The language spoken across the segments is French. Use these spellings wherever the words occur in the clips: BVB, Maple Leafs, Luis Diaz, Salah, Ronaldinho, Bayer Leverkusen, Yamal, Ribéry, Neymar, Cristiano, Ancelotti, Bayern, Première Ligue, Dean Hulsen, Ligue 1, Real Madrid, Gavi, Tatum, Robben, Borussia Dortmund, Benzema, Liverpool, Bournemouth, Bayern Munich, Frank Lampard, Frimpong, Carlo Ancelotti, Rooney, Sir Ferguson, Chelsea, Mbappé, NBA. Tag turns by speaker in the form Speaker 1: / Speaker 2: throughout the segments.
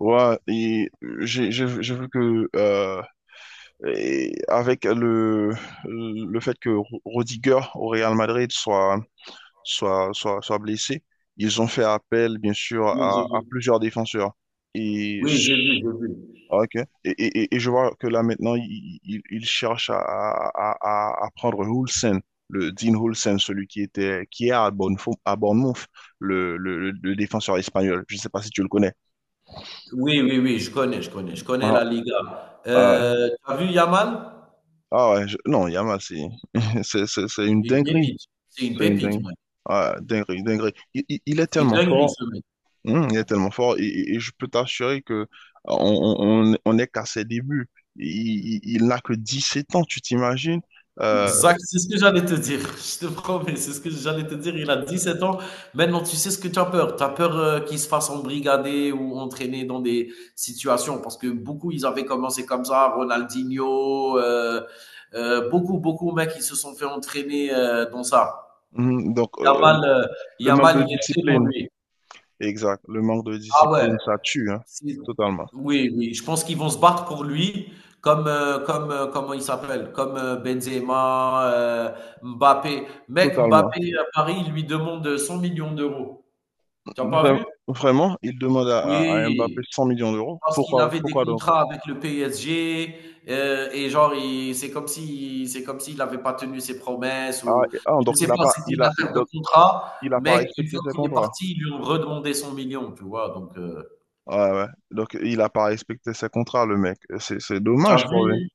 Speaker 1: Ouais, et j'ai vu que et avec le fait que Rodiger au Real Madrid soit blessé, ils ont fait appel bien sûr
Speaker 2: Oui, j'ai
Speaker 1: à
Speaker 2: vu.
Speaker 1: plusieurs défenseurs. Et
Speaker 2: Oui, j'ai vu, j'ai vu.
Speaker 1: ah, ok. Et je vois que là maintenant ils cherchent à prendre Hulsen, le Dean Hulsen, celui qui est à Bournemouth, le défenseur espagnol. Je sais pas si tu le connais.
Speaker 2: Oui, oui, oui, je connais, je connais, je connais
Speaker 1: Voilà.
Speaker 2: la Liga. Tu as vu Yamal?
Speaker 1: Ah ouais, non, Yamal, c'est c'est une
Speaker 2: C'est une
Speaker 1: dinguerie.
Speaker 2: pépite. C'est une
Speaker 1: C'est une
Speaker 2: pépite,
Speaker 1: dingue...
Speaker 2: mec.
Speaker 1: ah, dinguerie, dinguerie. Il est
Speaker 2: C'est une
Speaker 1: tellement
Speaker 2: dinguerie,
Speaker 1: fort.
Speaker 2: ce mec.
Speaker 1: Il est tellement fort et, et je peux t'assurer que on est qu'à ses débuts. Il n'a que 17 ans, tu t'imagines? Euh,
Speaker 2: Exact, c'est ce que j'allais te dire. Je te promets, c'est ce que j'allais te dire. Il a 17 ans. Maintenant, tu sais ce que tu as peur. Tu as peur qu'il se fasse embrigader ou entraîner dans des situations. Parce que beaucoup, ils avaient commencé comme ça. Ronaldinho, beaucoup, beaucoup, mecs, ils se sont fait entraîner dans ça.
Speaker 1: donc,
Speaker 2: Yamal, heu,
Speaker 1: le manque
Speaker 2: Yamal,
Speaker 1: de
Speaker 2: il est très bon,
Speaker 1: discipline,
Speaker 2: lui.
Speaker 1: exact, le manque de
Speaker 2: Ah ouais,
Speaker 1: discipline, ça tue, hein,
Speaker 2: c'est
Speaker 1: totalement,
Speaker 2: oui, oui, je pense qu'ils vont se battre pour lui comme, comment il s'appelle? Comme, Benzema, Mbappé. Mec,
Speaker 1: totalement.
Speaker 2: Mbappé, à Paris, il lui demande, 100 000 000 €. Tu as pas
Speaker 1: Vra-
Speaker 2: vu?
Speaker 1: Vraiment, il demande à Mbappé
Speaker 2: Oui.
Speaker 1: 100 millions d'euros.
Speaker 2: Parce qu'il
Speaker 1: Pourquoi,
Speaker 2: avait des
Speaker 1: pourquoi donc?
Speaker 2: contrats avec le PSG et genre il c'est comme si c'est comme s'il avait pas tenu ses promesses ou je ne
Speaker 1: Donc il
Speaker 2: sais
Speaker 1: a
Speaker 2: pas,
Speaker 1: pas,
Speaker 2: c'était
Speaker 1: il
Speaker 2: une
Speaker 1: a, il-
Speaker 2: affaire de
Speaker 1: donc,
Speaker 2: contrat,
Speaker 1: il a pas
Speaker 2: mais une
Speaker 1: respecté
Speaker 2: fois
Speaker 1: ses
Speaker 2: qu'il est
Speaker 1: contrats.
Speaker 2: parti, ils lui ont redemandé son million, tu vois? Donc,
Speaker 1: Ouais, ouais. Donc il a pas respecté ses contrats, le mec. C'est
Speaker 2: tu
Speaker 1: dommage pour lui.
Speaker 2: vu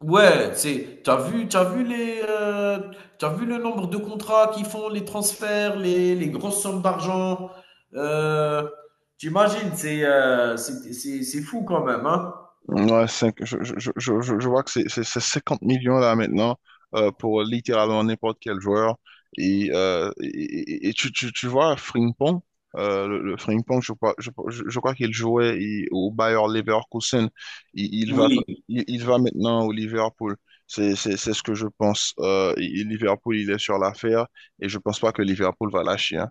Speaker 2: ouais, c'est t'as vu les, tu vu le nombre de contrats qu'ils font, les transferts, les grosses sommes d'argent, heu, tu imagines, c'est, c'est fou quand même, hein?
Speaker 1: Ouais, je vois que c'est 50 millions là maintenant pour littéralement n'importe quel joueur. Et, euh, et, et tu vois, Frimpong, le Frimpong, je crois, qu'il jouait au Bayer Leverkusen. Il, il va,
Speaker 2: Oui.
Speaker 1: il va maintenant au Liverpool. C'est ce que je pense. Liverpool, il est sur l'affaire et je pense pas que Liverpool va lâcher, hein.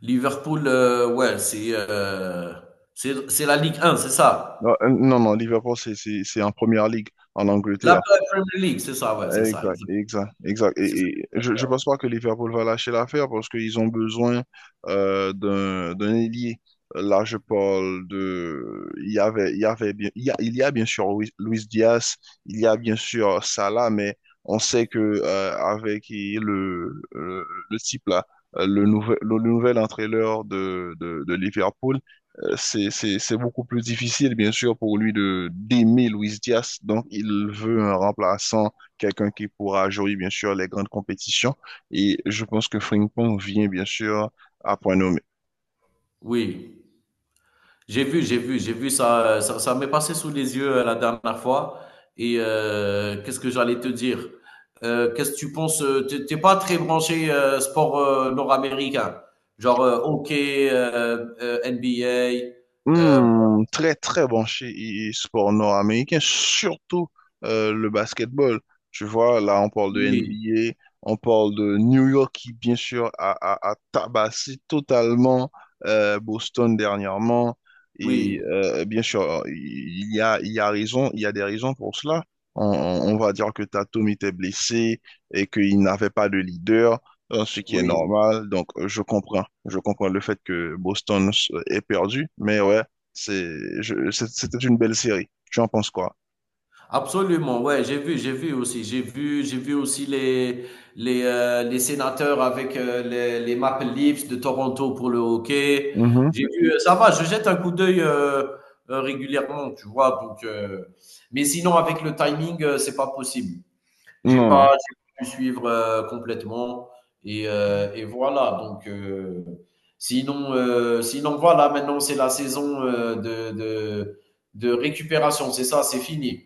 Speaker 2: Liverpool, ouais, c'est la Ligue 1, c'est ça.
Speaker 1: Non, non, non, Liverpool, c'est en première ligue en
Speaker 2: La
Speaker 1: Angleterre.
Speaker 2: Premier League, c'est ça, ouais, c'est ça,
Speaker 1: Exact,
Speaker 2: exact.
Speaker 1: exact, exact.
Speaker 2: C'est ça.
Speaker 1: Et je ne pense pas que Liverpool va lâcher l'affaire parce qu'ils ont besoin d'un ailier. Là, je parle de. Il y a bien sûr Luis Diaz, il y a bien sûr Salah, mais on sait que avec le type là, le nouvel entraîneur de Liverpool, c'est beaucoup plus difficile, bien sûr, pour lui de d'aimer Luis Diaz. Donc, il veut un remplaçant, quelqu'un qui pourra jouer, bien sûr, les grandes compétitions. Et je pense que Frimpong vient, bien sûr, à point nommé.
Speaker 2: Oui, j'ai vu, j'ai vu, j'ai vu ça, ça m'est passé sous les yeux la dernière fois. Et qu'est-ce que j'allais te dire? Qu'est-ce que tu penses? T'es pas très branché sport nord-américain, genre hockey, NBA. euh,
Speaker 1: Très très branché sport nord-américain, surtout le basketball. Tu vois, là on parle de
Speaker 2: oui,
Speaker 1: NBA, on parle de New York qui bien sûr a tabassé totalement Boston dernièrement. Et
Speaker 2: oui,
Speaker 1: bien sûr, il y a raison, il y a des raisons pour cela. On va dire que Tatum était blessé et qu'il n'avait pas de leader, ce qui est
Speaker 2: oui.
Speaker 1: normal. Donc, je comprends. Je comprends le fait que Boston ait perdu. Mais ouais, c'est, c'était une belle série. Tu en penses quoi?
Speaker 2: Absolument, ouais, j'ai vu aussi les les sénateurs avec les Maple Leafs de Toronto pour le hockey.
Speaker 1: Mhm.
Speaker 2: J'ai vu, ça va, je jette un coup d'œil régulièrement, tu vois. Donc, mais sinon avec le timing, c'est pas possible. J'ai
Speaker 1: Non, non.
Speaker 2: pas, j'ai pas pu suivre complètement et voilà. Donc, sinon voilà, maintenant c'est la saison de récupération, c'est ça, c'est fini.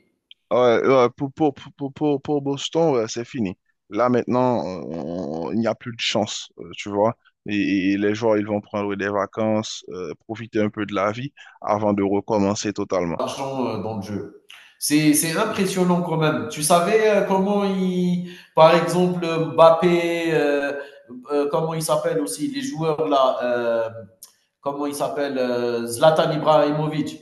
Speaker 1: Ouais, ouais, pour Boston, ouais, c'est fini. Là, maintenant, il n'y a plus de chance, tu vois. Et les joueurs, ils vont prendre des vacances, profiter un peu de la vie avant de recommencer totalement.
Speaker 2: D'argent dans le jeu. C'est impressionnant quand même. Tu savais comment il, par exemple, Mbappé, comment il s'appelle aussi, les joueurs là, comment il s'appelle, Zlatan Ibrahimovic.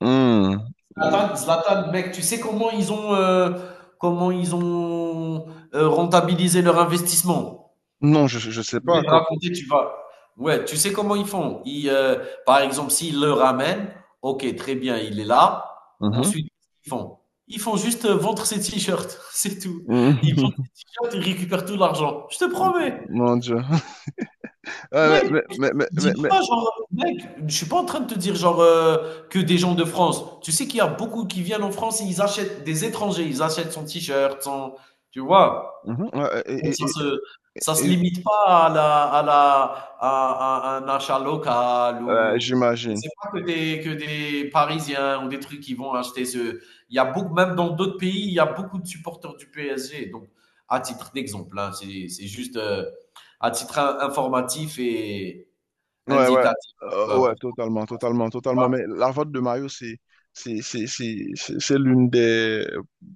Speaker 1: Hmm.
Speaker 2: Zlatan, Zlatan, mec, tu sais comment ils ont rentabilisé leur investissement.
Speaker 1: Non, je ne sais
Speaker 2: Je
Speaker 1: pas.
Speaker 2: vais te raconter, tu vas. Ouais, tu sais comment ils font? Par exemple, s'ils le ramènent, ok, très bien, il est là.
Speaker 1: Mhm.
Speaker 2: Ensuite, ils font. ils font juste vendre ses t-shirts, c'est tout. Ils vendent ses t-shirts, ils récupèrent tout l'argent. Je te promets,
Speaker 1: Mon Dieu. Euh,
Speaker 2: mec,
Speaker 1: mais,
Speaker 2: je te
Speaker 1: mais, mais, mais,
Speaker 2: dis
Speaker 1: mais-
Speaker 2: pas genre, mec, je suis pas en train de te dire genre que des gens de France. Tu sais qu'il y a beaucoup qui viennent en France et ils achètent des étrangers, ils achètent son t-shirt, son, tu vois.
Speaker 1: mhm, euh,
Speaker 2: Donc
Speaker 1: et- et-
Speaker 2: ça
Speaker 1: et-
Speaker 2: se
Speaker 1: et-
Speaker 2: limite pas à la à la à un achat local ou
Speaker 1: j'imagine.
Speaker 2: c'est pas que des Parisiens ou des trucs qui vont acheter, ce il y a beaucoup, même dans d'autres pays, il y a beaucoup de supporters du PSG. Donc, à titre d'exemple, hein, c'est juste, à titre in informatif et
Speaker 1: Ouais, ouais,
Speaker 2: indicatif,
Speaker 1: Ouais,
Speaker 2: pour tout le
Speaker 1: totalement, totalement, totalement.
Speaker 2: monde.
Speaker 1: Mais la vente de maillot, c'est l'une des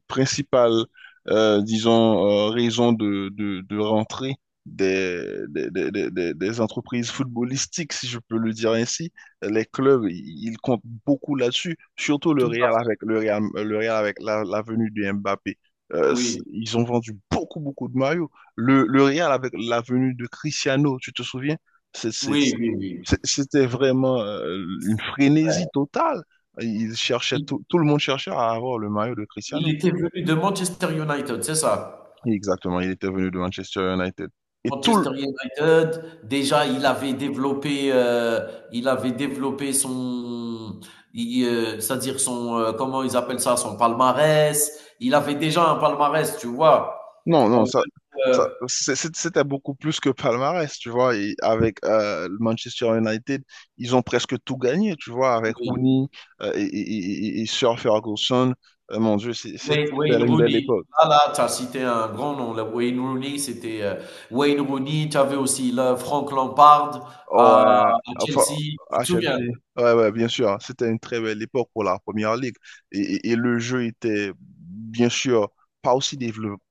Speaker 1: principales, disons, raisons de rentrée des, des entreprises footballistiques, si je peux le dire ainsi. Les clubs, ils comptent beaucoup là-dessus, surtout le
Speaker 2: Tout à
Speaker 1: Real
Speaker 2: fait.
Speaker 1: avec, le Real, le Real avec la venue de Mbappé.
Speaker 2: Oui,
Speaker 1: Ils ont vendu beaucoup, beaucoup de maillots. Le Real avec la venue de Cristiano, tu te souviens? C'est
Speaker 2: oui, oui, oui.
Speaker 1: c'était vraiment une frénésie totale. Il cherchait
Speaker 2: Il
Speaker 1: tout, tout le monde cherchait à avoir le maillot de
Speaker 2: il
Speaker 1: Cristiano.
Speaker 2: était venu de Manchester United, c'est ça?
Speaker 1: Exactement, il était venu de Manchester United. Et tout le...
Speaker 2: Manchester United, déjà, il avait développé son i c'est-à-dire son, comment ils appellent ça? Son palmarès. Il avait déjà un palmarès, tu vois?
Speaker 1: Non, non,
Speaker 2: On
Speaker 1: ça,
Speaker 2: peut,
Speaker 1: ça, c'était beaucoup plus que palmarès, tu vois. Et avec le Manchester United, ils ont presque tout gagné, tu vois, avec
Speaker 2: oui,
Speaker 1: Rooney et Sir Ferguson. Mon Dieu,
Speaker 2: Wayne
Speaker 1: c'était une belle
Speaker 2: Rooney.
Speaker 1: époque.
Speaker 2: Voilà, tu as cité un grand nom, là. Wayne Rooney, tu avais aussi là Frank Lampard
Speaker 1: Oh,
Speaker 2: à
Speaker 1: enfin,
Speaker 2: Chelsea, tu
Speaker 1: à
Speaker 2: te
Speaker 1: Chelsea.
Speaker 2: souviens?
Speaker 1: Ouais, ouais, bien sûr, hein. C'était une très belle époque pour la Première Ligue. Et le jeu était, bien sûr, pas aussi développé,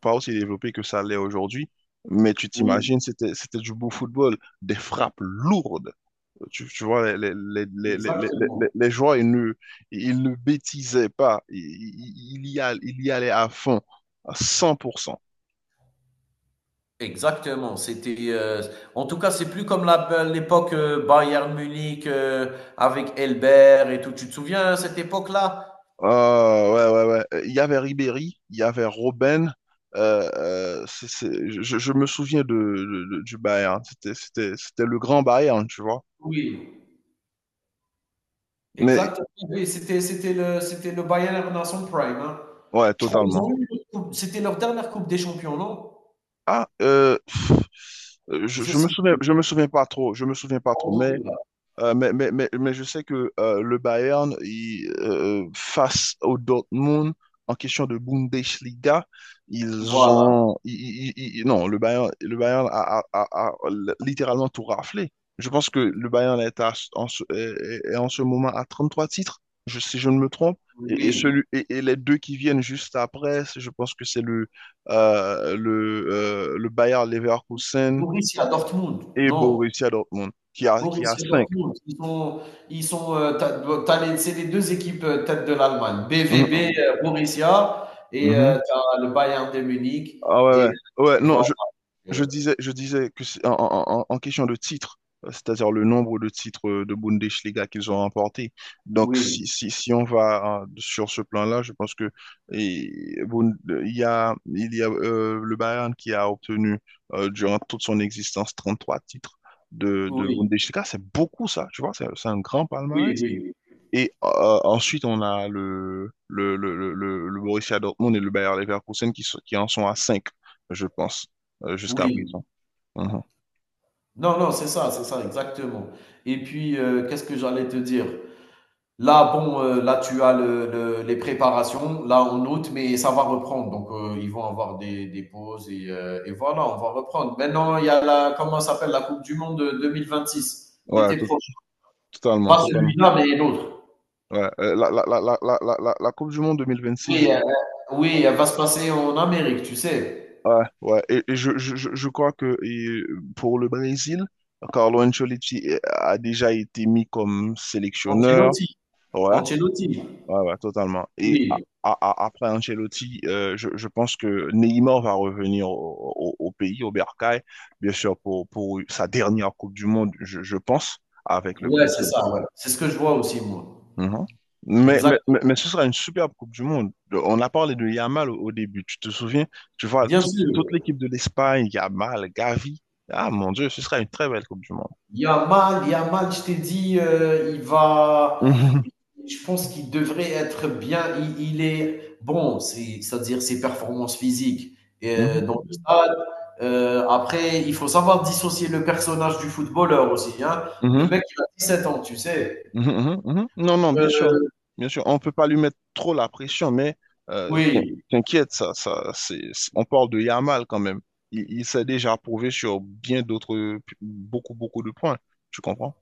Speaker 1: pas aussi développé que ça l'est aujourd'hui. Mais tu
Speaker 2: Oui,
Speaker 1: t'imagines, c'était du beau football, des frappes lourdes. Tu vois, les, les, les, les, les, les- les-
Speaker 2: exactement.
Speaker 1: les joueurs, ils ne bêtisaient pas. Ils y allaient à fond, à 100%.
Speaker 2: Exactement, c'était en tout cas, c'est plus comme l'époque Bayern Munich, avec Elbert et tout. Tu te souviens, hein, cette époque-là?
Speaker 1: Ouais, ouais, ouais. Il y avait Ribéry, il y avait Robben. Je me souviens du Bayern. C'était le grand Bayern, tu vois.
Speaker 2: Oui,
Speaker 1: Mais
Speaker 2: exactement. Oui, c'était le Bayern dans son prime, hein.
Speaker 1: ouais,
Speaker 2: Je crois qu'ils ont
Speaker 1: totalement.
Speaker 2: eu une autre coupe. C'était leur dernière Coupe des Champions, non?
Speaker 1: Ah,
Speaker 2: Je sais plus.
Speaker 1: je me souviens pas trop. Je me souviens pas
Speaker 2: En
Speaker 1: trop.
Speaker 2: tout
Speaker 1: Mais
Speaker 2: cas,
Speaker 1: Euh, mais, mais, mais, mais je sais que le Bayern, face au Dortmund, en question de Bundesliga, ils
Speaker 2: voilà.
Speaker 1: ont... ils- ils- ils- non, le Bayern a littéralement tout raflé. Je pense que le Bayern est, à- en, ce, est- est en ce moment à 33 titres, si je ne me trompe. Et, et
Speaker 2: Oui.
Speaker 1: celui, et, et les deux qui viennent juste après, je pense que c'est le Bayer Leverkusen
Speaker 2: Borussia Dortmund.
Speaker 1: et
Speaker 2: Non.
Speaker 1: Borussia Dortmund, qui a
Speaker 2: Borussia
Speaker 1: cinq.
Speaker 2: Dortmund, tu as les c'est les 2 équipes, tête de l'Allemagne,
Speaker 1: Mm,
Speaker 2: BVB,
Speaker 1: mm.
Speaker 2: Borussia et
Speaker 1: Mhm.
Speaker 2: tu le Bayern de Munich
Speaker 1: Ah ouais,
Speaker 2: et
Speaker 1: ouais. Ouais,
Speaker 2: et
Speaker 1: non,
Speaker 2: voilà,
Speaker 1: je
Speaker 2: heu,
Speaker 1: disais, je disais que en question de titres, c'est-à-dire le nombre de titres de Bundesliga qu'ils ont remportés. Donc,
Speaker 2: oui,
Speaker 1: si on va hein, sur ce plan-là, je pense que et, Bund- il y a le Bayern qui a obtenu durant toute son existence 33 titres de
Speaker 2: oui,
Speaker 1: Bundesliga. C'est beaucoup ça, tu vois, c'est un grand
Speaker 2: oui,
Speaker 1: palmarès.
Speaker 2: oui, oui.
Speaker 1: Et ensuite, on a le Borussia Dortmund et le Bayer Leverkusen qui en sont à cinq, je pense, jusqu'à
Speaker 2: Oui.
Speaker 1: présent. Mhm.
Speaker 2: Non, non, c'est ça, exactement. Et puis, qu'est-ce que j'allais te dire? Là, bon, là, tu as le les préparations, là, en août, mais ça va reprendre. Donc, ils vont avoir des pauses et voilà, on va reprendre. Maintenant, il y a la comment ça s'appelle? La coupe du monde, 2026,
Speaker 1: Ouais,
Speaker 2: l'été prochain.
Speaker 1: totalement,
Speaker 2: Pas
Speaker 1: totalement.
Speaker 2: celui-là, mais l'autre.
Speaker 1: Ouais, la Coupe du Monde 2026,
Speaker 2: Oui, oui, elle va se passer en Amérique, tu sais?
Speaker 1: ouais, ouais, et je crois que pour le Brésil, Carlo Ancelotti a déjà été mis comme sélectionneur.
Speaker 2: Ancelotti,
Speaker 1: Ouais,
Speaker 2: Ancelotti.
Speaker 1: Ouais, ouais, totalement. Et
Speaker 2: Oui,
Speaker 1: après Ancelotti, je pense que Neymar va revenir au pays, au Bercail, bien sûr, pour sa dernière Coupe du Monde, je pense, avec le
Speaker 2: ouais, c'est
Speaker 1: Brésil.
Speaker 2: ça, ouais. C'est ce que je vois aussi, moi.
Speaker 1: Mhm. Mais,
Speaker 2: Exact.
Speaker 1: mais, mais, mais ce sera une superbe Coupe du Monde. On a parlé de Yamal au début, tu te souviens? Tu vois,
Speaker 2: Bien
Speaker 1: toute,
Speaker 2: sûr.
Speaker 1: toute l'équipe de l'Espagne, Yamal, Gavi. Ah mon Dieu, ce sera une très belle Coupe du Monde.
Speaker 2: Yamal, Yamal, je t'ai dit, il va
Speaker 1: Mhm.
Speaker 2: je pense qu'il devrait être bien. Il est bon, c'est-à-dire ses performances physiques, dans
Speaker 1: Mhm.
Speaker 2: le stade, après il faut savoir dissocier le personnage du footballeur aussi, hein. Le
Speaker 1: Mhm.
Speaker 2: mec il a 7 ans, tu sais?
Speaker 1: Mhm, mhm, mhm. Non, non, bien
Speaker 2: Heu,
Speaker 1: sûr. Bien sûr, on ne peut pas lui mettre trop la pression, mais euh, t'in-
Speaker 2: oui,
Speaker 1: t'inquiète, ça, on parle de Yamal quand même. Il s'est déjà prouvé sur bien d'autres, beaucoup, beaucoup de points. Tu comprends?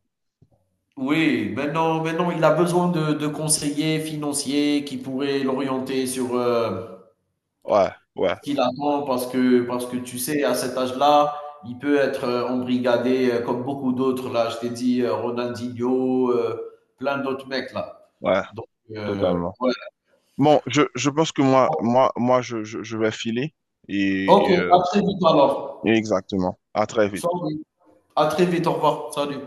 Speaker 2: oui, maintenant il a besoin de conseillers financiers qui pourraient l'orienter sur,
Speaker 1: Ouais, ouais,
Speaker 2: qu'il attend parce que, tu sais, à cet âge-là, il peut être embrigadé comme beaucoup d'autres. Là, je t'ai dit Ronaldinho, plein d'autres mecs là.
Speaker 1: ouais,
Speaker 2: Donc,
Speaker 1: totalement.
Speaker 2: ouais.
Speaker 1: Bon, je pense que moi,
Speaker 2: Bon,
Speaker 1: moi, moi, je vais filer et,
Speaker 2: ok,
Speaker 1: et,
Speaker 2: à
Speaker 1: euh,
Speaker 2: très vite alors.
Speaker 1: exactement. À très vite.
Speaker 2: Salut. À très vite, au revoir. Salut.